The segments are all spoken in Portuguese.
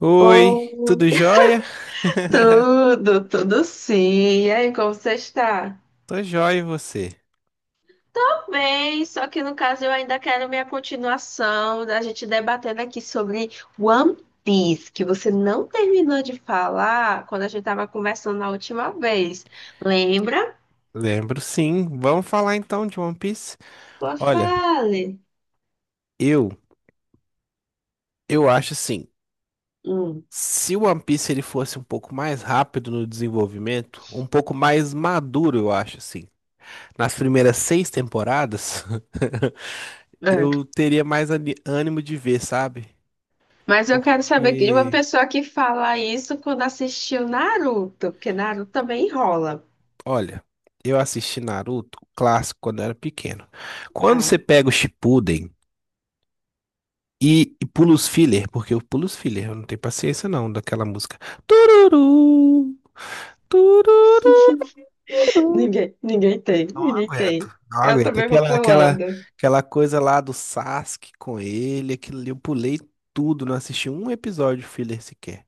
Oi, Oh, tudo jóia? tudo, tudo sim. E aí, como você está? Tô jóia e você? Tudo bem, só que no caso eu ainda quero minha continuação da gente debatendo aqui sobre One Piece, que você não terminou de falar quando a gente estava conversando na última vez. Lembra? Lembro sim. Vamos falar então de One Piece? Boa, Olha, fale. eu eu acho assim, Hum, se o One Piece ele fosse um pouco mais rápido no desenvolvimento, um pouco mais maduro, eu acho assim. Nas primeiras seis temporadas, é. eu teria mais ânimo de ver, sabe? Mas eu quero saber de uma Porque, pessoa que fala isso quando assistiu Naruto, porque Naruto também enrola. olha, eu assisti Naruto, o clássico, quando eu era pequeno. Quando você pega o Shippuden e pulo os filler, porque eu pulo os filler, eu não tenho paciência não daquela música. Tururu, tururu. Ninguém, ninguém tem, Não ninguém aguento, tem. não Eu aguento. também vou Aquela, pra aquela, Holanda. aquela coisa lá do Sasuke com ele, aquilo ali, eu pulei tudo, não assisti um episódio filler sequer.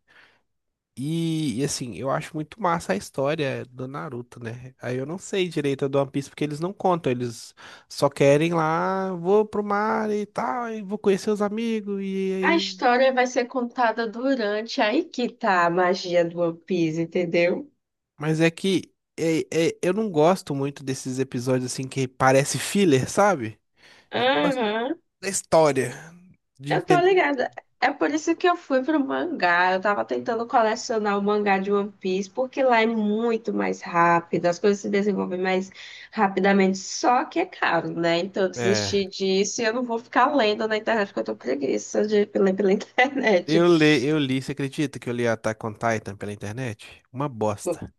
Assim, eu acho muito massa a história do Naruto, né? Aí eu não sei direito a do One Piece porque eles não contam, eles só querem lá, vou pro mar e tal, e vou conhecer os amigos, e A aí história vai ser contada durante. Aí que tá a magia do One Piece, entendeu? mas é que é, eu não gosto muito desses episódios assim que parece filler, sabe? Eu gosto Aham. da história, de Eu tô entender. ligada. É por isso que eu fui pro mangá. Eu tava tentando colecionar o mangá de One Piece, porque lá é muito mais rápido, as coisas se desenvolvem mais rapidamente. Só que é caro, né? Então eu É, desisti disso e eu não vou ficar lendo na internet, porque eu tô preguiça de ler pela internet. Eu li, você acredita que eu li Attack on Titan pela internet? Uma bosta.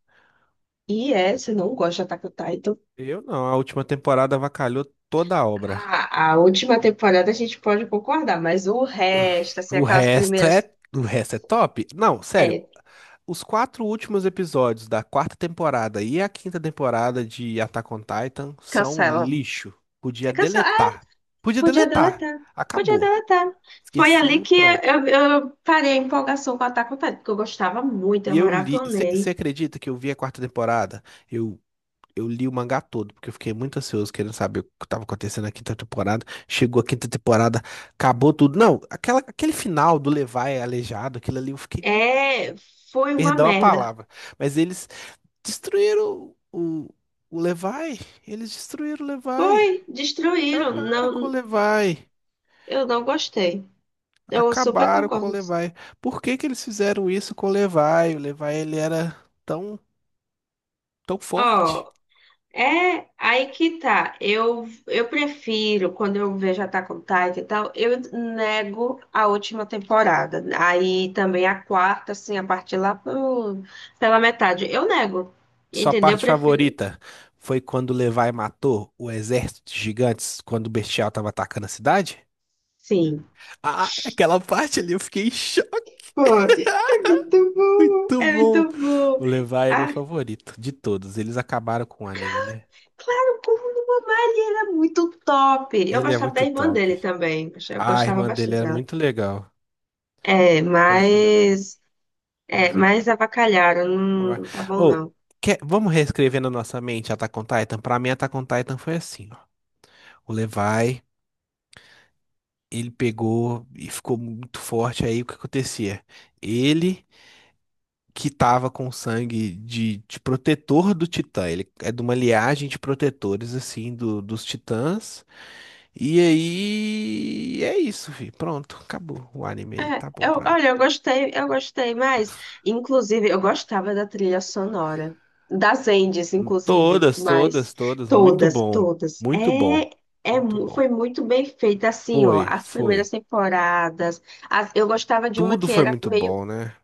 E é, você não gosta de Attack on Titan? Eu não, a última temporada avacalhou toda a obra. A última temporada a gente pode concordar, mas o resto, assim, aquelas primeiras. O resto é top? Não, sério, É, os quatro últimos episódios da quarta temporada e a quinta temporada de Attack on Titan são cancela. lixo. Podia É, cancela. Ah, deletar. Podia podia deletar. deletar. Podia Acabou. deletar. Foi ali Esqueceu, que pronto. eu parei a empolgação com Attack on Titan, porque eu gostava muito, eu E eu li. Você maratonei. acredita que eu vi a quarta temporada? Eu, eu li o mangá todo, porque eu fiquei muito ansioso querendo saber o que estava acontecendo na quinta temporada. Chegou a quinta temporada, acabou tudo. Não, aquela, aquele final do Levi aleijado, aquilo ali, eu fiquei. É, foi uma Perdão a merda. palavra. Mas eles destruíram o Levi. Eles destruíram o Levi. Foi, destruíram. Acabaram com o Não, Levi. eu não gostei. Eu super Acabaram com o concordo. Levi. Por que que eles fizeram isso com o Levi? O Levi, ele era tão, tão forte. Ó, é, aí que tá. Eu prefiro, quando eu vejo Attack on Titan e tal, eu nego a última temporada. Aí também a quarta, assim, a partir lá pela metade. Eu nego. Sua Entendeu? Eu parte prefiro. favorita foi quando o Levi matou o exército de gigantes quando o Bestial tava atacando a cidade? Sim. Ah, aquela parte ali eu fiquei em choque. Pô, é muito bom. Muito É bom. muito bom. O Levi é meu Ah, favorito de todos. Eles acabaram com o anime, né? claro, como no Mamari era muito top. Eu Ele é gostava da muito irmã top. dele também. Eu A gostava irmã dele bastante era dela. muito legal. É, Fazer o quê? mas. É, Fazer o quê? mas avacalharam. Vai- Não tá bom, Ô, não. Vamos reescrever na nossa mente Attack on Titan? Pra mim, Attack on Titan foi assim, ó. O Levi, ele pegou e ficou muito forte. Aí, o que acontecia? Ele que tava com sangue de protetor do Titã. Ele é de uma liagem de protetores, assim, dos Titãs. E aí... é isso, fi. Pronto, acabou o anime aí. É, Tá bom eu, pra mim. olha, eu gostei mais. Inclusive, eu gostava da trilha sonora. Das Endes, inclusive, Todas, mas todas, todas. Muito todas, bom. todas. Muito bom. Muito bom. Foi muito bem feita, assim, ó. Foi, As primeiras foi. temporadas. Eu gostava de uma Tudo que foi era muito meio, bom, né?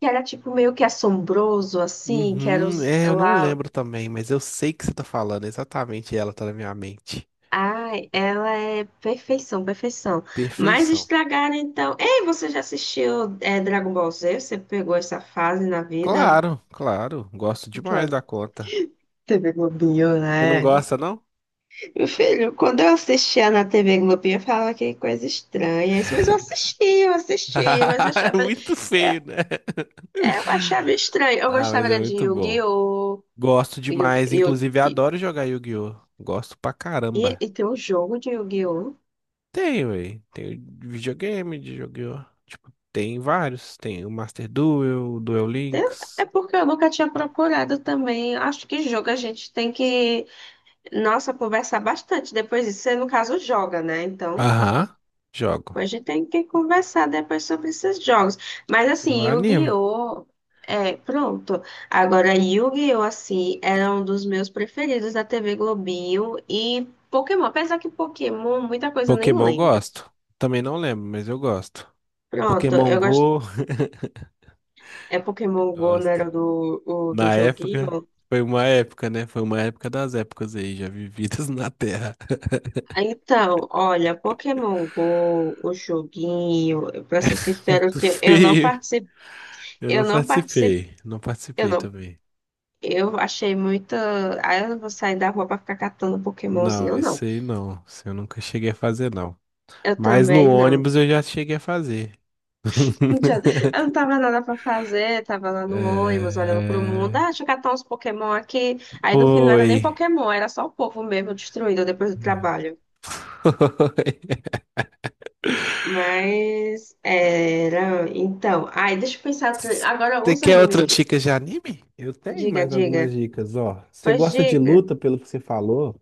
que era tipo meio que assombroso, assim, que era Uhum, os, é, eu não lá. lembro também, mas eu sei que você tá falando. Exatamente ela tá na minha mente. Ai, ela é perfeição, perfeição. Mas Perfeição. estragaram então. Ei, você já assistiu é, Dragon Ball Z? Você pegou essa fase na vida. Claro, claro. Gosto demais Claro, da conta. TV Globinho, Você não né? gosta, não? Meu filho, quando eu assistia na TV Globinho, eu falava que coisa estranha. Mas eu assistia, eu assistia, mas eu É achava, muito eu, feio, né? eu achava estranho. Eu Ah, gostava mas é era de muito bom. Yu-Gi-Oh! Gosto Yu- demais. Yu- Inclusive, E, adoro jogar Yu-Gi-Oh! Gosto pra e, caramba. e tem um jogo de Yu-Gi-Oh! Tem, velho. Tem videogame, de jogo. Tipo, tem vários. Tem o Master Duel, o Duel Links. É porque eu nunca tinha procurado também. Acho que jogo a gente tem que, nossa, conversar bastante depois disso. Você, no caso, joga, né? Então. Aham. Jogo. A gente tem que conversar depois sobre esses jogos. Mas Eu assim, animo. Yu-Gi-Oh! É, pronto. Agora, Yu-Gi-Oh! Assim, era um dos meus preferidos da TV Globinho e Pokémon. Apesar que Pokémon, muita coisa eu nem Pokémon eu lembro. gosto. Também não lembro, mas eu gosto. Pronto, Pokémon eu gosto. Go, É Pokémon Go, não gosto. era o, do Na época, joguinho? foi uma época, né? Foi uma época das épocas aí, já vividas na Terra. Então, olha, Pokémon Go, o joguinho, pra ser sincero, Muito eu não feio. participei, Eu eu não não participei, participei. Não eu participei não também. Eu achei muita. Ah, eu vou sair da rua pra ficar catando Pokémonzinho, Não, eu esse não. aí não. Esse eu nunca cheguei a fazer, não. Eu Mas no também não. ônibus eu já cheguei a fazer. Já- Eu não tava nada pra fazer, tava lá no ônibus olhando pro mundo. Ah, É... deixa eu catar uns Pokémon aqui. Aí no fim não era nem Oi. Pokémon, era só o povo mesmo destruído depois do trabalho. Oi. Mas era. Então, ai, deixa eu pensar. Agora Você os quer animes outra que. dica de anime? Eu tenho Diga, mais algumas diga. dicas, ó. Você Pois gosta de diga. luta, pelo que você falou?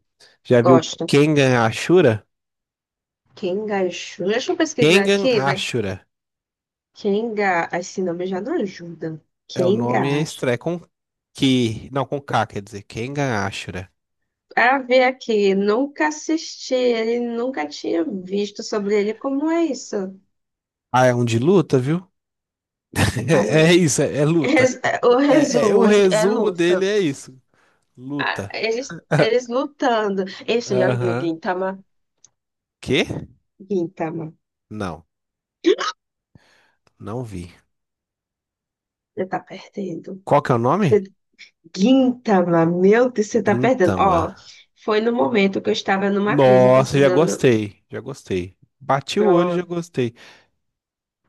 Já viu Gosto. Kengan Ashura? Quem, deixa eu pesquisar Kengan aqui, vai. Ashura. Quem Kengar, esse nome já não ajuda. É o Quem nome é Kengar. é com que. Não, com K, quer dizer. Kengan Ashura. Para ver aqui, nunca assisti ele, nunca tinha visto sobre ele. Como é isso? Ah, é um de luta, viu? Aí, É, é isso, é, é luta. O É, o resumo é resumo luta. dele é isso. Ah, Luta. eles lutando. Ei, você já viu Aham. Gintama? Quê? Gintama, Não, não vi. você tá perdendo. Qual que é o nome? Você, Gintama, meu Deus, você tá perdendo. Gintama. Ó, foi no momento que eu estava numa crise, Nossa, já precisando. gostei, já gostei. Bati o olho e já gostei.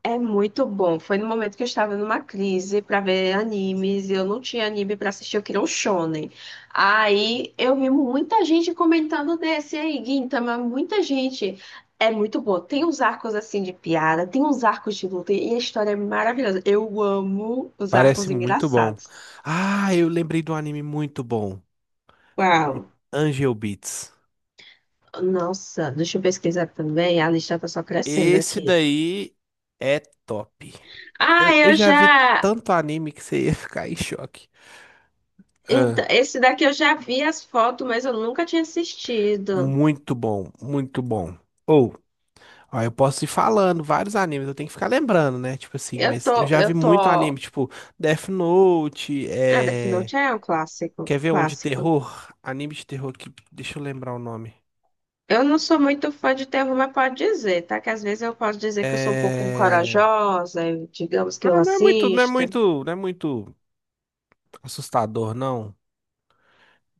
É muito bom. Foi no momento que eu estava numa crise para ver animes, e eu não tinha anime para assistir, eu queria um shonen. Aí eu vi muita gente comentando desse aí, Gintama, muita gente. É muito bom. Tem uns arcos assim de piada, tem uns arcos de luta e a história é maravilhosa. Eu amo os Parece arcos muito bom. engraçados. Ah, eu lembrei de um anime muito bom. Uau. Le- Angel Beats. Nossa, deixa eu pesquisar também. A lista tá só crescendo Esse aqui. daí é top. Ah, Eu eu já vi já. tanto anime que você ia ficar em choque. Ah, Então, esse daqui eu já vi as fotos, mas eu nunca tinha assistido. muito bom, muito bom. Ou, ó, eu posso ir falando vários animes, eu tenho que ficar lembrando, né? Tipo assim, Eu mas eu tô, já eu vi muito tô. anime, tipo Death Note, Ah, Death é. Note é um clássico, Quer ver um de clássico. terror? Anime de terror que. Deixa eu lembrar o nome. Eu não sou muito fã de terror, mas pode dizer, tá? Que às vezes eu posso dizer que eu sou um pouco É. corajosa, digamos que eu Ah, assista. Não é muito assustador, não.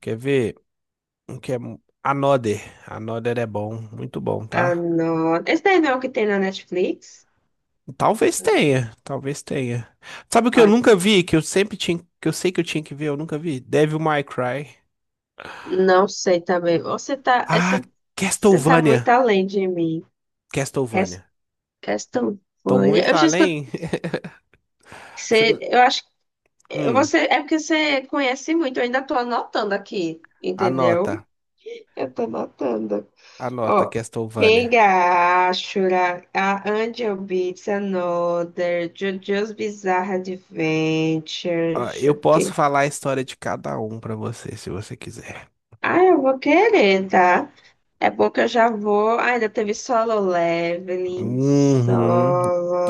Quer ver? Um que é. Another. Another é bom, muito bom, Ah, tá? não. Esse daí não é o que tem na Netflix? Talvez tenha, talvez tenha. Sabe o que eu Ó, nunca vi, que eu sempre tinha, que eu sei que eu tinha que ver, eu nunca vi? Devil May Cry. não sei também. Ah, Você tá muito Castlevania. além de mim. Res- Castlevania. Tô Castlevania. muito Eu já escutei. além. Você Você, não- eu acho que Hum, você é porque você conhece muito, eu ainda tô anotando aqui, anota, entendeu? Eu tô anotando. anota Oh, Castlevania. Kengashura, A Angel Beats Another, JoJo's Bizarre Adventure, Ó, deixa eu eu posso ver. falar a história de cada um pra você, se você quiser. Ah, eu vou querer, tá? É bom que eu já vou. Ah, ainda teve Solo Leveling, Uhum.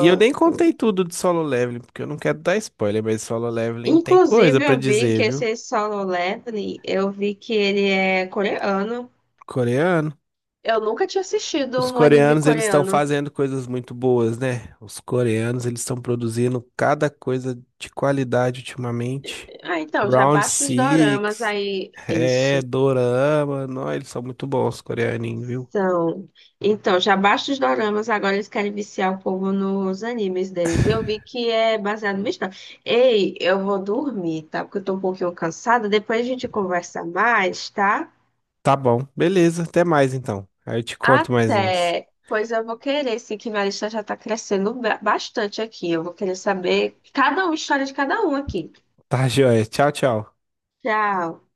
E eu nem contei tudo de Solo Leveling, porque eu não quero dar spoiler, mas Solo Leveling tem coisa Inclusive, pra eu vi que dizer, viu? esse Solo Leveling, eu vi que ele é coreano. Coreano. Eu nunca tinha assistido Os um anime coreanos, eles estão coreano. fazendo coisas muito boas, né? Os coreanos, eles estão produzindo cada coisa de qualidade ultimamente. Ah, então, já Round baixa os doramas Six, aí. é, Isso. Dorama, não, eles são muito bons, os coreaninhos, viu? São. Então, já basta os doramas, agora eles querem viciar o povo nos animes deles. E eu vi que é baseado no história. Ei, eu vou dormir, tá? Porque eu tô um pouquinho cansada. Depois a gente conversa mais, tá? Tá bom, beleza, até mais então. Aí eu te conto mais uns. Até. Pois eu vou querer, sim, que minha lista já tá crescendo bastante aqui. Eu vou querer saber cada um, história de cada um aqui. Tá, joia. Tchau, tchau. Tchau.